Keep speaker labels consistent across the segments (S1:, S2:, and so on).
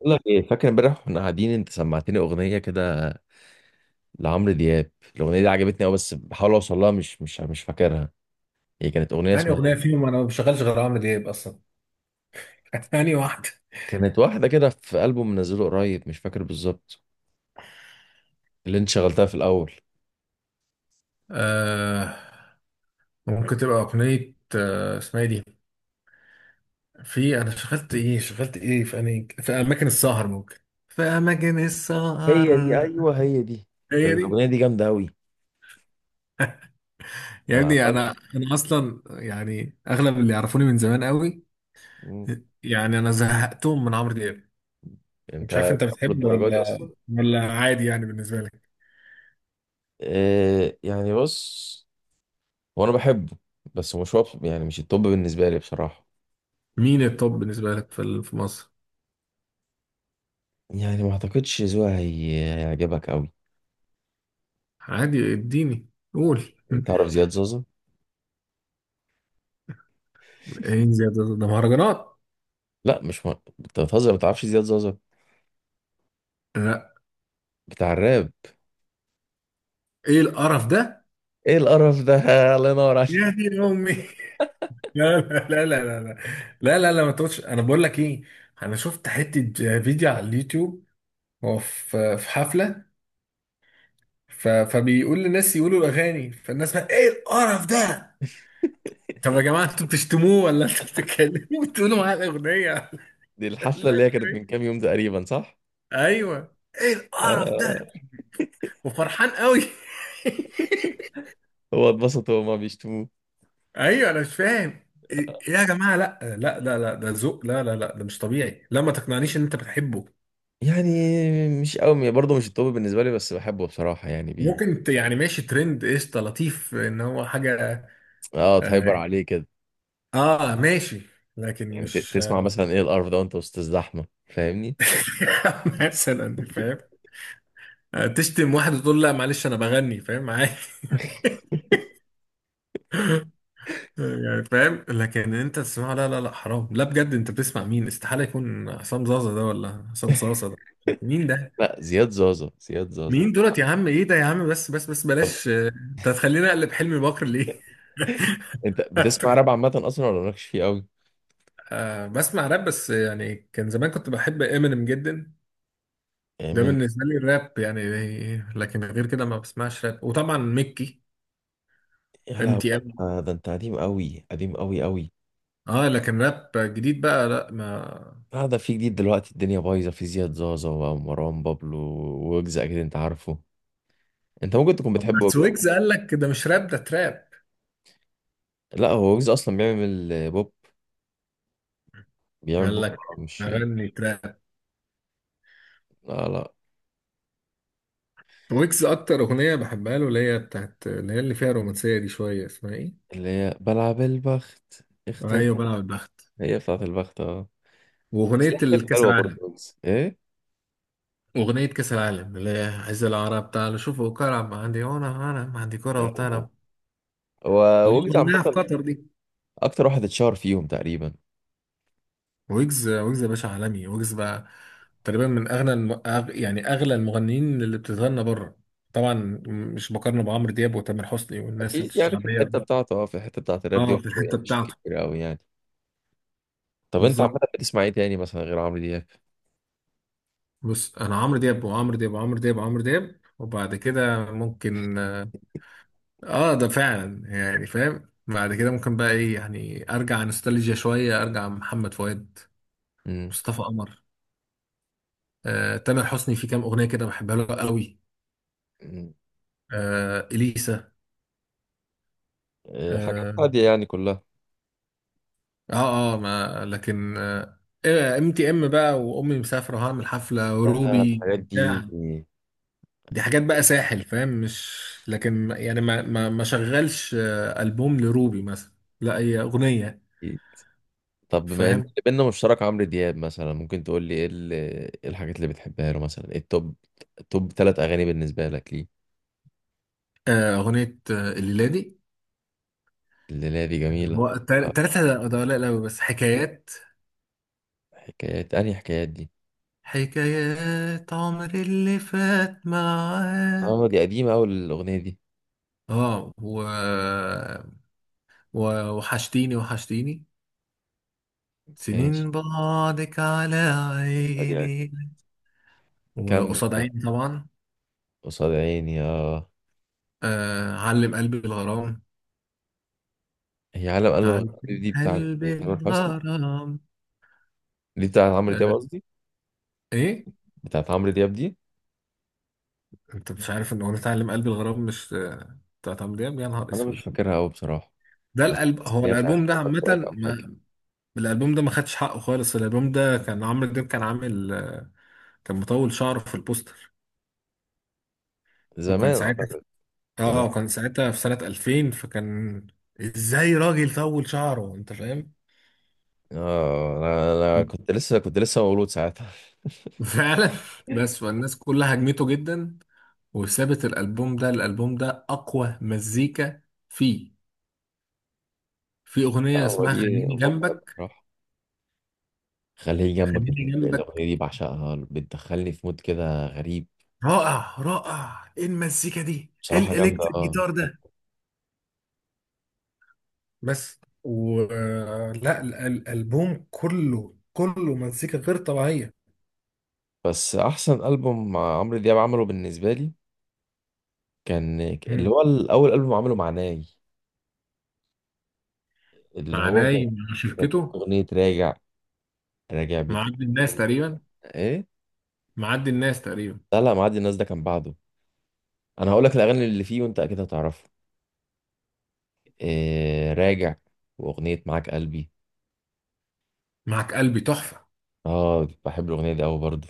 S1: بقول لك ايه، فاكر امبارح واحنا قاعدين انت سمعتني اغنيه كده لعمرو دياب؟ الاغنيه دي عجبتني قوي بس بحاول اوصل لها، مش فاكرها. هي كانت اغنيه
S2: يعني
S1: اسمها
S2: اغنيه
S1: ايه؟
S2: فيهم، انا ما بشغلش غير عمرو دياب اصلا. يعني واحده.
S1: كانت واحده كده في البوم منزله قريب، مش فاكر بالظبط اللي انت شغلتها في الاول.
S2: آه، ممكن تبقى اغنيه اسمها إيه دي. في انا شغلت ايه في أنهي، في اماكن السهر ممكن، في اماكن السهر.
S1: هي دي، ايوه هي دي.
S2: هي دي.
S1: الاغنيه دي جامده قوي.
S2: يا
S1: انا
S2: ابني
S1: عمال.
S2: انا اصلا، يعني اغلب اللي يعرفوني من زمان قوي،
S1: مم.
S2: يعني انا زهقتهم من عمرو دياب. مش عارف
S1: انت
S2: انت
S1: بتقول
S2: بتحبه
S1: الدرجه دي
S2: ولا،
S1: اصلا؟
S2: ولا عادي يعني بالنسبه لك.
S1: إيه يعني؟ بص، هو انا بحبه بس مش هو يعني، مش التوب بالنسبه لي بصراحه.
S2: مين التوب بالنسبه لك في مصر؟
S1: يعني ما اعتقدش ذوقها هيعجبك قوي.
S2: عادي، اديني، قول.
S1: تعرف زياد زوزة؟
S2: ايه يا ده مهرجانات؟
S1: لا مش انت بتهزر ما تعرفش زياد زازا
S2: لا،
S1: بتاع الراب؟
S2: ايه القرف ده؟
S1: ايه القرف ده! الله ينور
S2: يا
S1: عليك.
S2: دي امي لا لا لا لا لا، لا لا لا، ما تقولش. انا بقول لك ايه، انا شفت حته فيديو على اليوتيوب، هو في حفله، فبيقول للناس يقولوا الاغاني، فالناس بقى ايه القرف ده؟ طب يا جماعه، انتوا بتشتموه ولا انتوا بتتكلموا بتقولوا معاه الاغنيه؟
S1: دي الحفله
S2: لا
S1: اللي هي
S2: انتوا
S1: كانت من
S2: إيه؟
S1: كام يوم تقريبا، صح؟
S2: ايوه، ايه القرف ده؟
S1: آه.
S2: وفرحان قوي
S1: هو اتبسط وهما بيشتموه.
S2: ايوه انا مش فاهم. ايه إيه يا جماعه؟ لا لا لا لا، ده ذوق؟ لا لا لا، ده مش طبيعي. لا، ما تقنعنيش ان انت بتحبه.
S1: يعني مش قوي يعني، برضه مش التوب بالنسبه لي بس بحبه بصراحه، يعني
S2: ممكن يعني ماشي، ترند، قشطه، لطيف ان هو حاجه.
S1: اه،
S2: اه،
S1: تهايبر عليه كده.
S2: آه، ماشي، لكن
S1: يعني
S2: مش.
S1: تسمع مثلا ايه القرف ده وانت وسط الزحمه، فاهمني؟
S2: مثلا فاهم. آه، تشتم واحد وتقول لا معلش انا بغني، فاهم عادي يعني فاهم، لكن انت تسمعه؟ لا لا لا، حرام، لا بجد. انت بتسمع مين؟ استحاله يكون حسام زازا ده، ولا حسام صاصه ده. مين ده؟
S1: لا، زياد زازا، زياد زازا.
S2: مين دولت يا عم؟ ايه ده يا عم؟ بس بس بس،
S1: طب
S2: بلاش انت هتخليني اقلب حلمي بكر ليه.
S1: انت بتسمع راب عامه اصلا ولا مالكش فيه قوي؟
S2: آه، بسمع راب، بس يعني كان زمان كنت بحب امينيم جدا.
S1: يعني
S2: ده
S1: من.
S2: بالنسبه لي الراب يعني، لكن غير كده ما بسمعش راب. وطبعا ميكي
S1: يا
S2: ام
S1: لهوي،
S2: تي
S1: ده
S2: ام.
S1: انت ده انت قديم قوي، قديم قوي قوي.
S2: اه، لكن راب جديد بقى لا ما.
S1: لا ده في جديد دلوقتي، الدنيا بايظه. في زياد زازا ومروان بابلو وويجز، اكيد انت عارفه. انت ممكن تكون
S2: طب
S1: بتحب ويجز.
S2: بس ويجز قال لك ده مش راب، ده تراب.
S1: لا هو ويجز اصلا بيعمل بوب. بيعمل
S2: قال
S1: بوب
S2: لك
S1: مش.
S2: اغني تراب.
S1: لا لا.
S2: ويجز اكتر اغنيه بحبها له اللي هي بتاعت، اللي هي اللي فيها رومانسيه دي شويه، اسمها ايه؟
S1: اللي هي بلعب البخت، اختر.
S2: ايوه بلعب البخت.
S1: هي بتاعت البخت، اه. بس
S2: واغنيه
S1: ليها حاجات
S2: الكاس
S1: حلوه برضه
S2: العالم،
S1: ويجز، ايه.
S2: أغنية كأس العالم، اللي هي عز العرب تعالوا شوفوا كرة، ما عندي هنا، أنا ما عندي كرة
S1: آه.
S2: وبتاع،
S1: هو
S2: اللي هي
S1: ويجز عامه
S2: غناها في قطر دي.
S1: اكتر واحد اتشهر فيهم تقريبا.
S2: ويجز، ويجز يا باشا عالمي، ويجز بقى تقريبا من أغنى يعني أغلى المغنيين اللي بتتغنى بره، طبعا. مش بقارنه بعمرو دياب وتامر حسني والناس
S1: اكيد يعني في
S2: الشعبية.
S1: الحته بتاعته، اه، في الحته بتاعت الراب دي
S2: اه،
S1: هو
S2: في الحتة
S1: يعني مش
S2: بتاعته.
S1: كتير قوي يعني. طب انت عامه
S2: بالظبط.
S1: بتسمع ايه تاني مثلا غير عمرو دياب؟
S2: بص، أنا عمرو دياب وعمرو دياب وعمرو دياب وعمرو دياب، وبعد كده ممكن اه ده فعلا، يعني فاهم، بعد كده ممكن بقى ايه، يعني ارجع نوستالجيا شويه، ارجع محمد فؤاد، مصطفى قمر، آه تامر حسني، في كام اغنيه كده بحبها له قوي،
S1: امم.
S2: آه اليسا.
S1: آه، حاجات
S2: اه،
S1: هادية يعني كلها.
S2: اه, آه ما لكن. ام تي ام بقى، وامي مسافره، وهعمل حفله،
S1: يا
S2: وروبي
S1: الحاجات دي.
S2: بتاع، دي حاجات بقى ساحل، فاهم مش. لكن يعني ما شغلش البوم لروبي مثلا، لا هي اغنيه.
S1: طب بما ان
S2: فاهم.
S1: اللي بينا مشترك عمرو دياب، مثلا ممكن تقول لي ايه إيه الحاجات اللي بتحبها له، مثلا ايه التوب؟ توب 3 اغاني بالنسبة لك ليه؟
S2: آه اغنيه الليله دي.
S1: لا دي جميلة.
S2: هو
S1: آه،
S2: تلاتة ده قليل أوي، بس حكايات.
S1: حكايات. انهي حكايات دي؟
S2: حكايات عمر اللي فات
S1: اه
S2: معاك.
S1: دي قديمة اوي الاغنية دي.
S2: اه، و... وحشتيني، وحشتيني.
S1: ماشي.
S2: سنين بعدك على
S1: قولي أكيد.
S2: عيني.
S1: كمل.
S2: وقصاد عيني طبعا.
S1: قصاد عيني، اه.
S2: آه علم قلبي الغرام.
S1: هي عالم قلب
S2: علم
S1: غريب دي بتاعت
S2: قلبي
S1: تامر حسني.
S2: الغرام.
S1: دي بتاعت عمرو دياب
S2: آه.
S1: قصدي.
S2: ايه؟
S1: بتاعت عمرو دياب دي.
S2: انت مش عارف ان اغنية علم قلبي الغرام مش بتاعت عمرو دياب؟ يا نهار
S1: انا مش
S2: اسود.
S1: فاكرها قوي بصراحة.
S2: ده
S1: بس بس
S2: هو
S1: هي بتاعت
S2: الألبوم ده
S1: أحمد فؤاد
S2: عامة،
S1: أو حاجة.
S2: الالبوم ده ما خدش حقه خالص. الالبوم ده كان عمرو دياب كان عامل كان مطول شعره في البوستر، وكان
S1: زمان
S2: ساعتها،
S1: اعتقد. زمان.
S2: اه كان ساعتها في سنة 2000، فكان ازاي راجل طول شعره، انت فاهم.
S1: اه انا كنت لسه كنت لسه مولود ساعتها.
S2: فعلا. بس فالناس كلها هجمته جدا، وسابت الالبوم ده. الالبوم ده اقوى مزيكا فيه. في اغنية
S1: اه
S2: اسمها
S1: ولي
S2: خليني
S1: ممكن
S2: جنبك.
S1: راح. خليه جنبك.
S2: خليني
S1: الاغنيه
S2: جنبك،
S1: دي بعشقها، بتدخلني في مود كده غريب.
S2: رائع رائع. ايه المزيكا دي؟ ايه
S1: بصراحه جامده،
S2: الالكتريك
S1: اه.
S2: جيتار ده؟ بس ولا الالبوم كله، كله مزيكا غير طبيعيه.
S1: بس احسن البوم مع عمرو دياب عمله بالنسبه لي كان، اللي
S2: مم.
S1: هو الاول البوم عمله مع ناي. اللي
S2: مع
S1: هو كان.
S2: ناي، مع
S1: كان
S2: شركته.
S1: اغنيه راجع. راجع
S2: مع عبد
S1: بتقول،
S2: الناس تقريبا.
S1: ايه.
S2: مع عبد الناس تقريبا.
S1: لا لا، معدي الناس ده كان بعده. انا هقول لك الاغاني اللي فيه وانت اكيد هتعرفها. إيه راجع. واغنية معاك قلبي.
S2: معك قلبي تحفة.
S1: اه بحب الاغنية دي اوي برضه.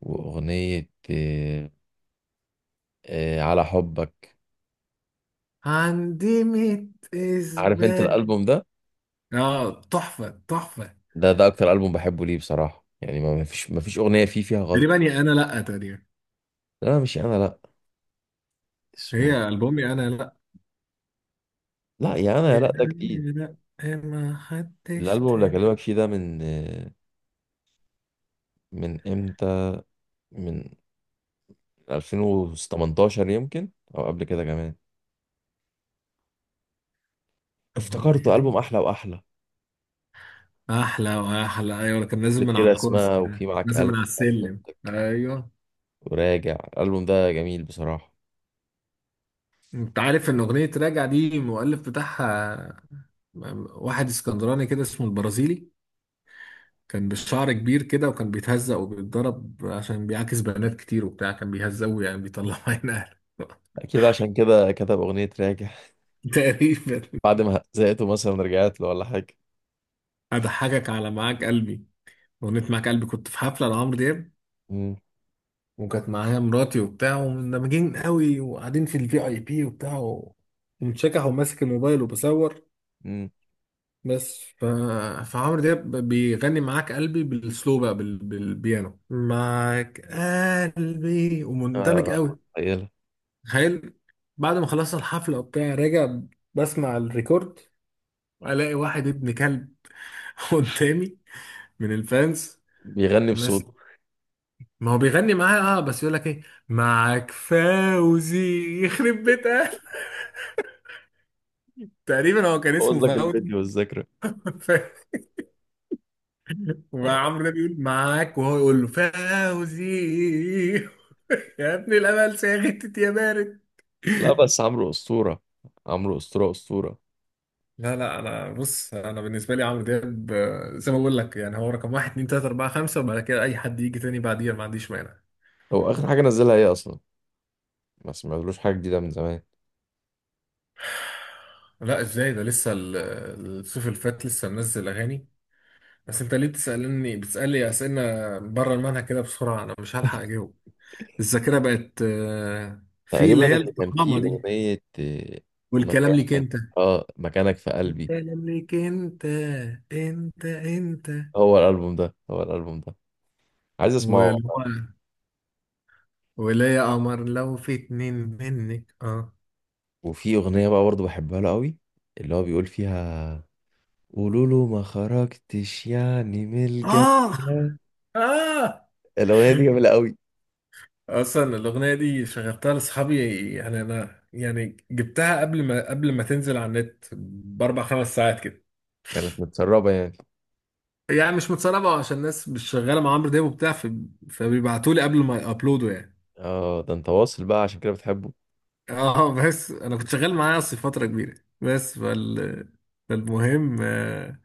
S1: واغنية إيه، إيه على حبك.
S2: عندي ميت
S1: عارف انت
S2: إثبات.
S1: الالبوم ده؟
S2: اه تحفة تحفة.
S1: ده اكتر البوم بحبه ليه بصراحة، يعني ما فيش اغنية فيه فيها
S2: تقريبا
S1: غلطة.
S2: يا أنا لأ تقريبا.
S1: لا مش انا لا. اسمه إيه؟
S2: هي ألبوم يا أنا لأ.
S1: لا يا انا
S2: يا
S1: يا لا ده جديد.
S2: أنا لأ، إيه ما حدش
S1: الالبوم اللي
S2: تاني.
S1: اكلمك فيه ده من، من امتى، من 2018 يمكن، او قبل كده كمان.
S2: أمال إيه
S1: افتكرته
S2: ده.
S1: البوم احلى واحلى.
S2: أحلى وأحلى، أيوة، كان نازل
S1: اللي
S2: من
S1: فيه
S2: على الكرسي
S1: رسمه
S2: ده،
S1: وفيه معاك
S2: نازل
S1: قلب
S2: من على السلم، أيوة.
S1: وراجع، الالبوم ده جميل بصراحه.
S2: انت عارف ان اغنية راجع دي المؤلف بتاعها واحد اسكندراني كده اسمه البرازيلي، كان بالشعر كبير كده، وكان بيتهزق وبيتضرب عشان بيعاكس بنات كتير وبتاع، كان بيهزقوا يعني، بيطلعوا عين اهله.
S1: اكيد عشان كده كتب اغنيه راجع.
S2: تقريبا.
S1: بعد ما زهقته مثلا رجعت له ولا حاجه.
S2: اضحكك على معاك قلبي. اغنية معاك قلبي، كنت في حفلة لعمرو دياب،
S1: امم
S2: وكانت معايا مراتي وبتاع، ومندمجين قوي، وقاعدين في الفي اي بي وبتاع، ومتشكح وماسك الموبايل وبصور،
S1: امم
S2: بس ف... فعمرو دياب بيغني معاك قلبي بالسلو بقى بالبيانو، معاك قلبي، ومندمج
S1: آه،
S2: قوي.
S1: متخيله.
S2: تخيل، بعد ما خلصنا الحفلة وبتاع راجع، بسمع الريكورد، الاقي واحد ابن كلب قدامي من الفانز،
S1: بيغني
S2: بس
S1: بصوت.
S2: ما هو بيغني معايا، اه، بس يقول لك ايه، معاك فوزي، يخرب بيتك. تقريبا هو كان اسمه
S1: بوظ لك
S2: فوزي.
S1: الفيديو والذكرى. آه.
S2: وعمرو ده بيقول معاك، وهو يقول له فوزي. يا ابن الامل ساغتت يا بارد.
S1: لا بس عمرو اسطوره. عمرو اسطوره، اسطوره.
S2: لا لا، انا بص، انا بالنسبه لي عمرو دياب زي ما بقول لك يعني، هو رقم واحد اتنين تلاته اربعه خمسه، وبعد كده اي حد يجي تاني بعديها ما عنديش مانع.
S1: هو اخر حاجه نزلها ايه اصلا؟ ما سمعتلوش حاجه جديده من زمان.
S2: لا ازاي ده، لسه الصيف اللي فات لسه منزل اغاني. بس انت ليه بتسالني، بتسالي اسئله بره المنهج كده بسرعه، انا مش هلحق اجاوب. الذاكره بقت في اللي
S1: تقريبا
S2: هي
S1: اللي كان
S2: الطخامه
S1: فيه
S2: دي،
S1: اغنيه
S2: والكلام ليك
S1: مكانك،
S2: انت.
S1: اه مكانك في قلبي.
S2: انت ليك انت، انت انت.
S1: هو الالبوم ده، هو الالبوم ده عايز اسمعه.
S2: والو، ولا يا قمر لو في اتنين منك. اه،
S1: وفي أغنية بقى برضه بحبها له قوي، اللي هو بيقول فيها: قولوا له ما خرجتش يعني من الجنة.
S2: اه، اه.
S1: الأغنية دي جميلة قوي.
S2: اصلا الاغنيه دي شغلتها لاصحابي، يعني انا يعني جبتها قبل ما تنزل على النت باربع خمس ساعات كده.
S1: كانت متسربة يعني.
S2: يعني مش متسربه، عشان الناس مش شغاله مع عمرو دياب وبتاع، فبيبعتوا لي قبل ما يابلودوا يعني.
S1: اه ده انت واصل بقى عشان كده بتحبه.
S2: اه، بس انا كنت شغال معاه اصلا فتره كبيره، بس فال فالمهم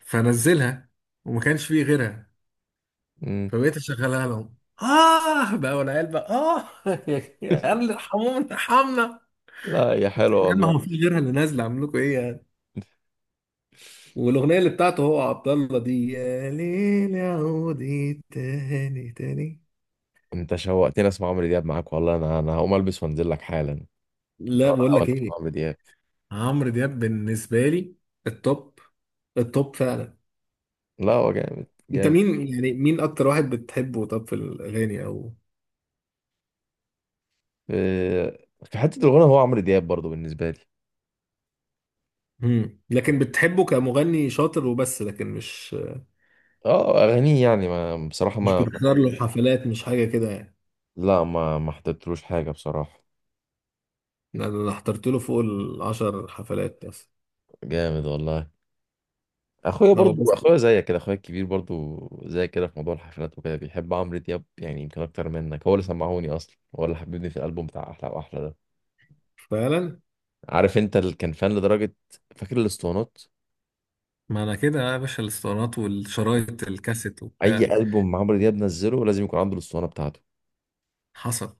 S2: فنزلها وما كانش فيه غيرها،
S1: مم.
S2: فبقيت اشغلها لهم، اه بقى والعيال بقى اه يا قال ارحمونا ارحمنا.
S1: لا يا
S2: طب
S1: حلوة
S2: يا عم
S1: والله.
S2: هو في غيرها اللي نازله اعمل لكم ايه يعني؟ والاغنيه اللي بتاعته هو عبد الله دي، يا ليل عودي تاني تاني.
S1: انت شوقتني، اسمع عمرو دياب معاك والله، انا هقوم البس وانزل لك حالا.
S2: لا
S1: انا
S2: بقول
S1: اول
S2: لك
S1: اسمع
S2: ايه،
S1: عمرو دياب.
S2: عمرو دياب بالنسبه لي التوب، التوب فعلا.
S1: لا هو جامد،
S2: انت
S1: جامد.
S2: مين يعني، مين اكتر واحد بتحبه؟ طب في الاغاني او.
S1: في في حتة الغنى هو عمرو دياب برضه بالنسبة لي.
S2: مم. لكن بتحبه كمغني شاطر وبس، لكن مش،
S1: اه اغانيه يعني، ما بصراحة
S2: مش
S1: ما.
S2: بتحضر له حفلات، مش حاجة كده يعني.
S1: لا، ما حضرتلوش حاجة بصراحة.
S2: أنا أنا حضرت له فوق العشر حفلات. بس
S1: جامد والله. اخويا
S2: لو
S1: برضو،
S2: بس.
S1: اخويا زيك كده، اخويا الكبير برضو. زي كده في موضوع الحفلات وكده بيحب عمرو دياب يعني يمكن اكتر منك. هو اللي سمعوني اصلا، هو اللي حببني في الالبوم بتاع احلى واحلى ده.
S2: فعلا.
S1: عارف انت اللي كان فان لدرجة؟ فاكر الاسطوانات.
S2: ما انا كده يا باشا، الاسطوانات والشرايط الكاسيت وبتاع.
S1: اي البوم عمرو دياب نزله لازم يكون عنده الاسطوانة بتاعته.
S2: حصل.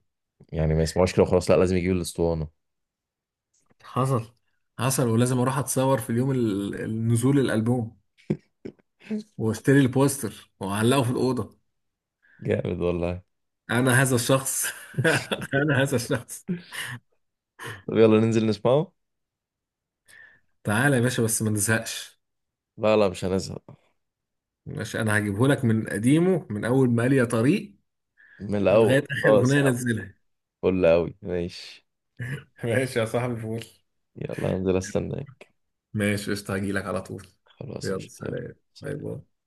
S1: يعني ما يسمعوش كده وخلاص، لا لازم يجيب الاسطوانة.
S2: حصل. حصل، ولازم اروح اتصور في اليوم النزول الالبوم، واشتري البوستر واعلقه في الاوضه.
S1: جامد والله.
S2: انا هذا الشخص. انا هذا الشخص.
S1: طب يلا ننزل نسمعه.
S2: تعالى يا باشا بس ما نزهقش.
S1: لا لا مش هنزهق.
S2: ماشي، انا هجيبه لك من قديمه، من اول ما قال يا طريق،
S1: من
S2: لغايه
S1: الاول
S2: اخر
S1: خلاص
S2: اغنيه
S1: يا عم.
S2: انزلها.
S1: فل قوي، ماشي.
S2: ماشي يا صاحبي، فول.
S1: يلا هنزل، استنى.
S2: ماشي قشطة، هجيلك على طول.
S1: خلاص
S2: يلا
S1: قشطة، يلا.
S2: سلام، باي
S1: سلام.
S2: باي.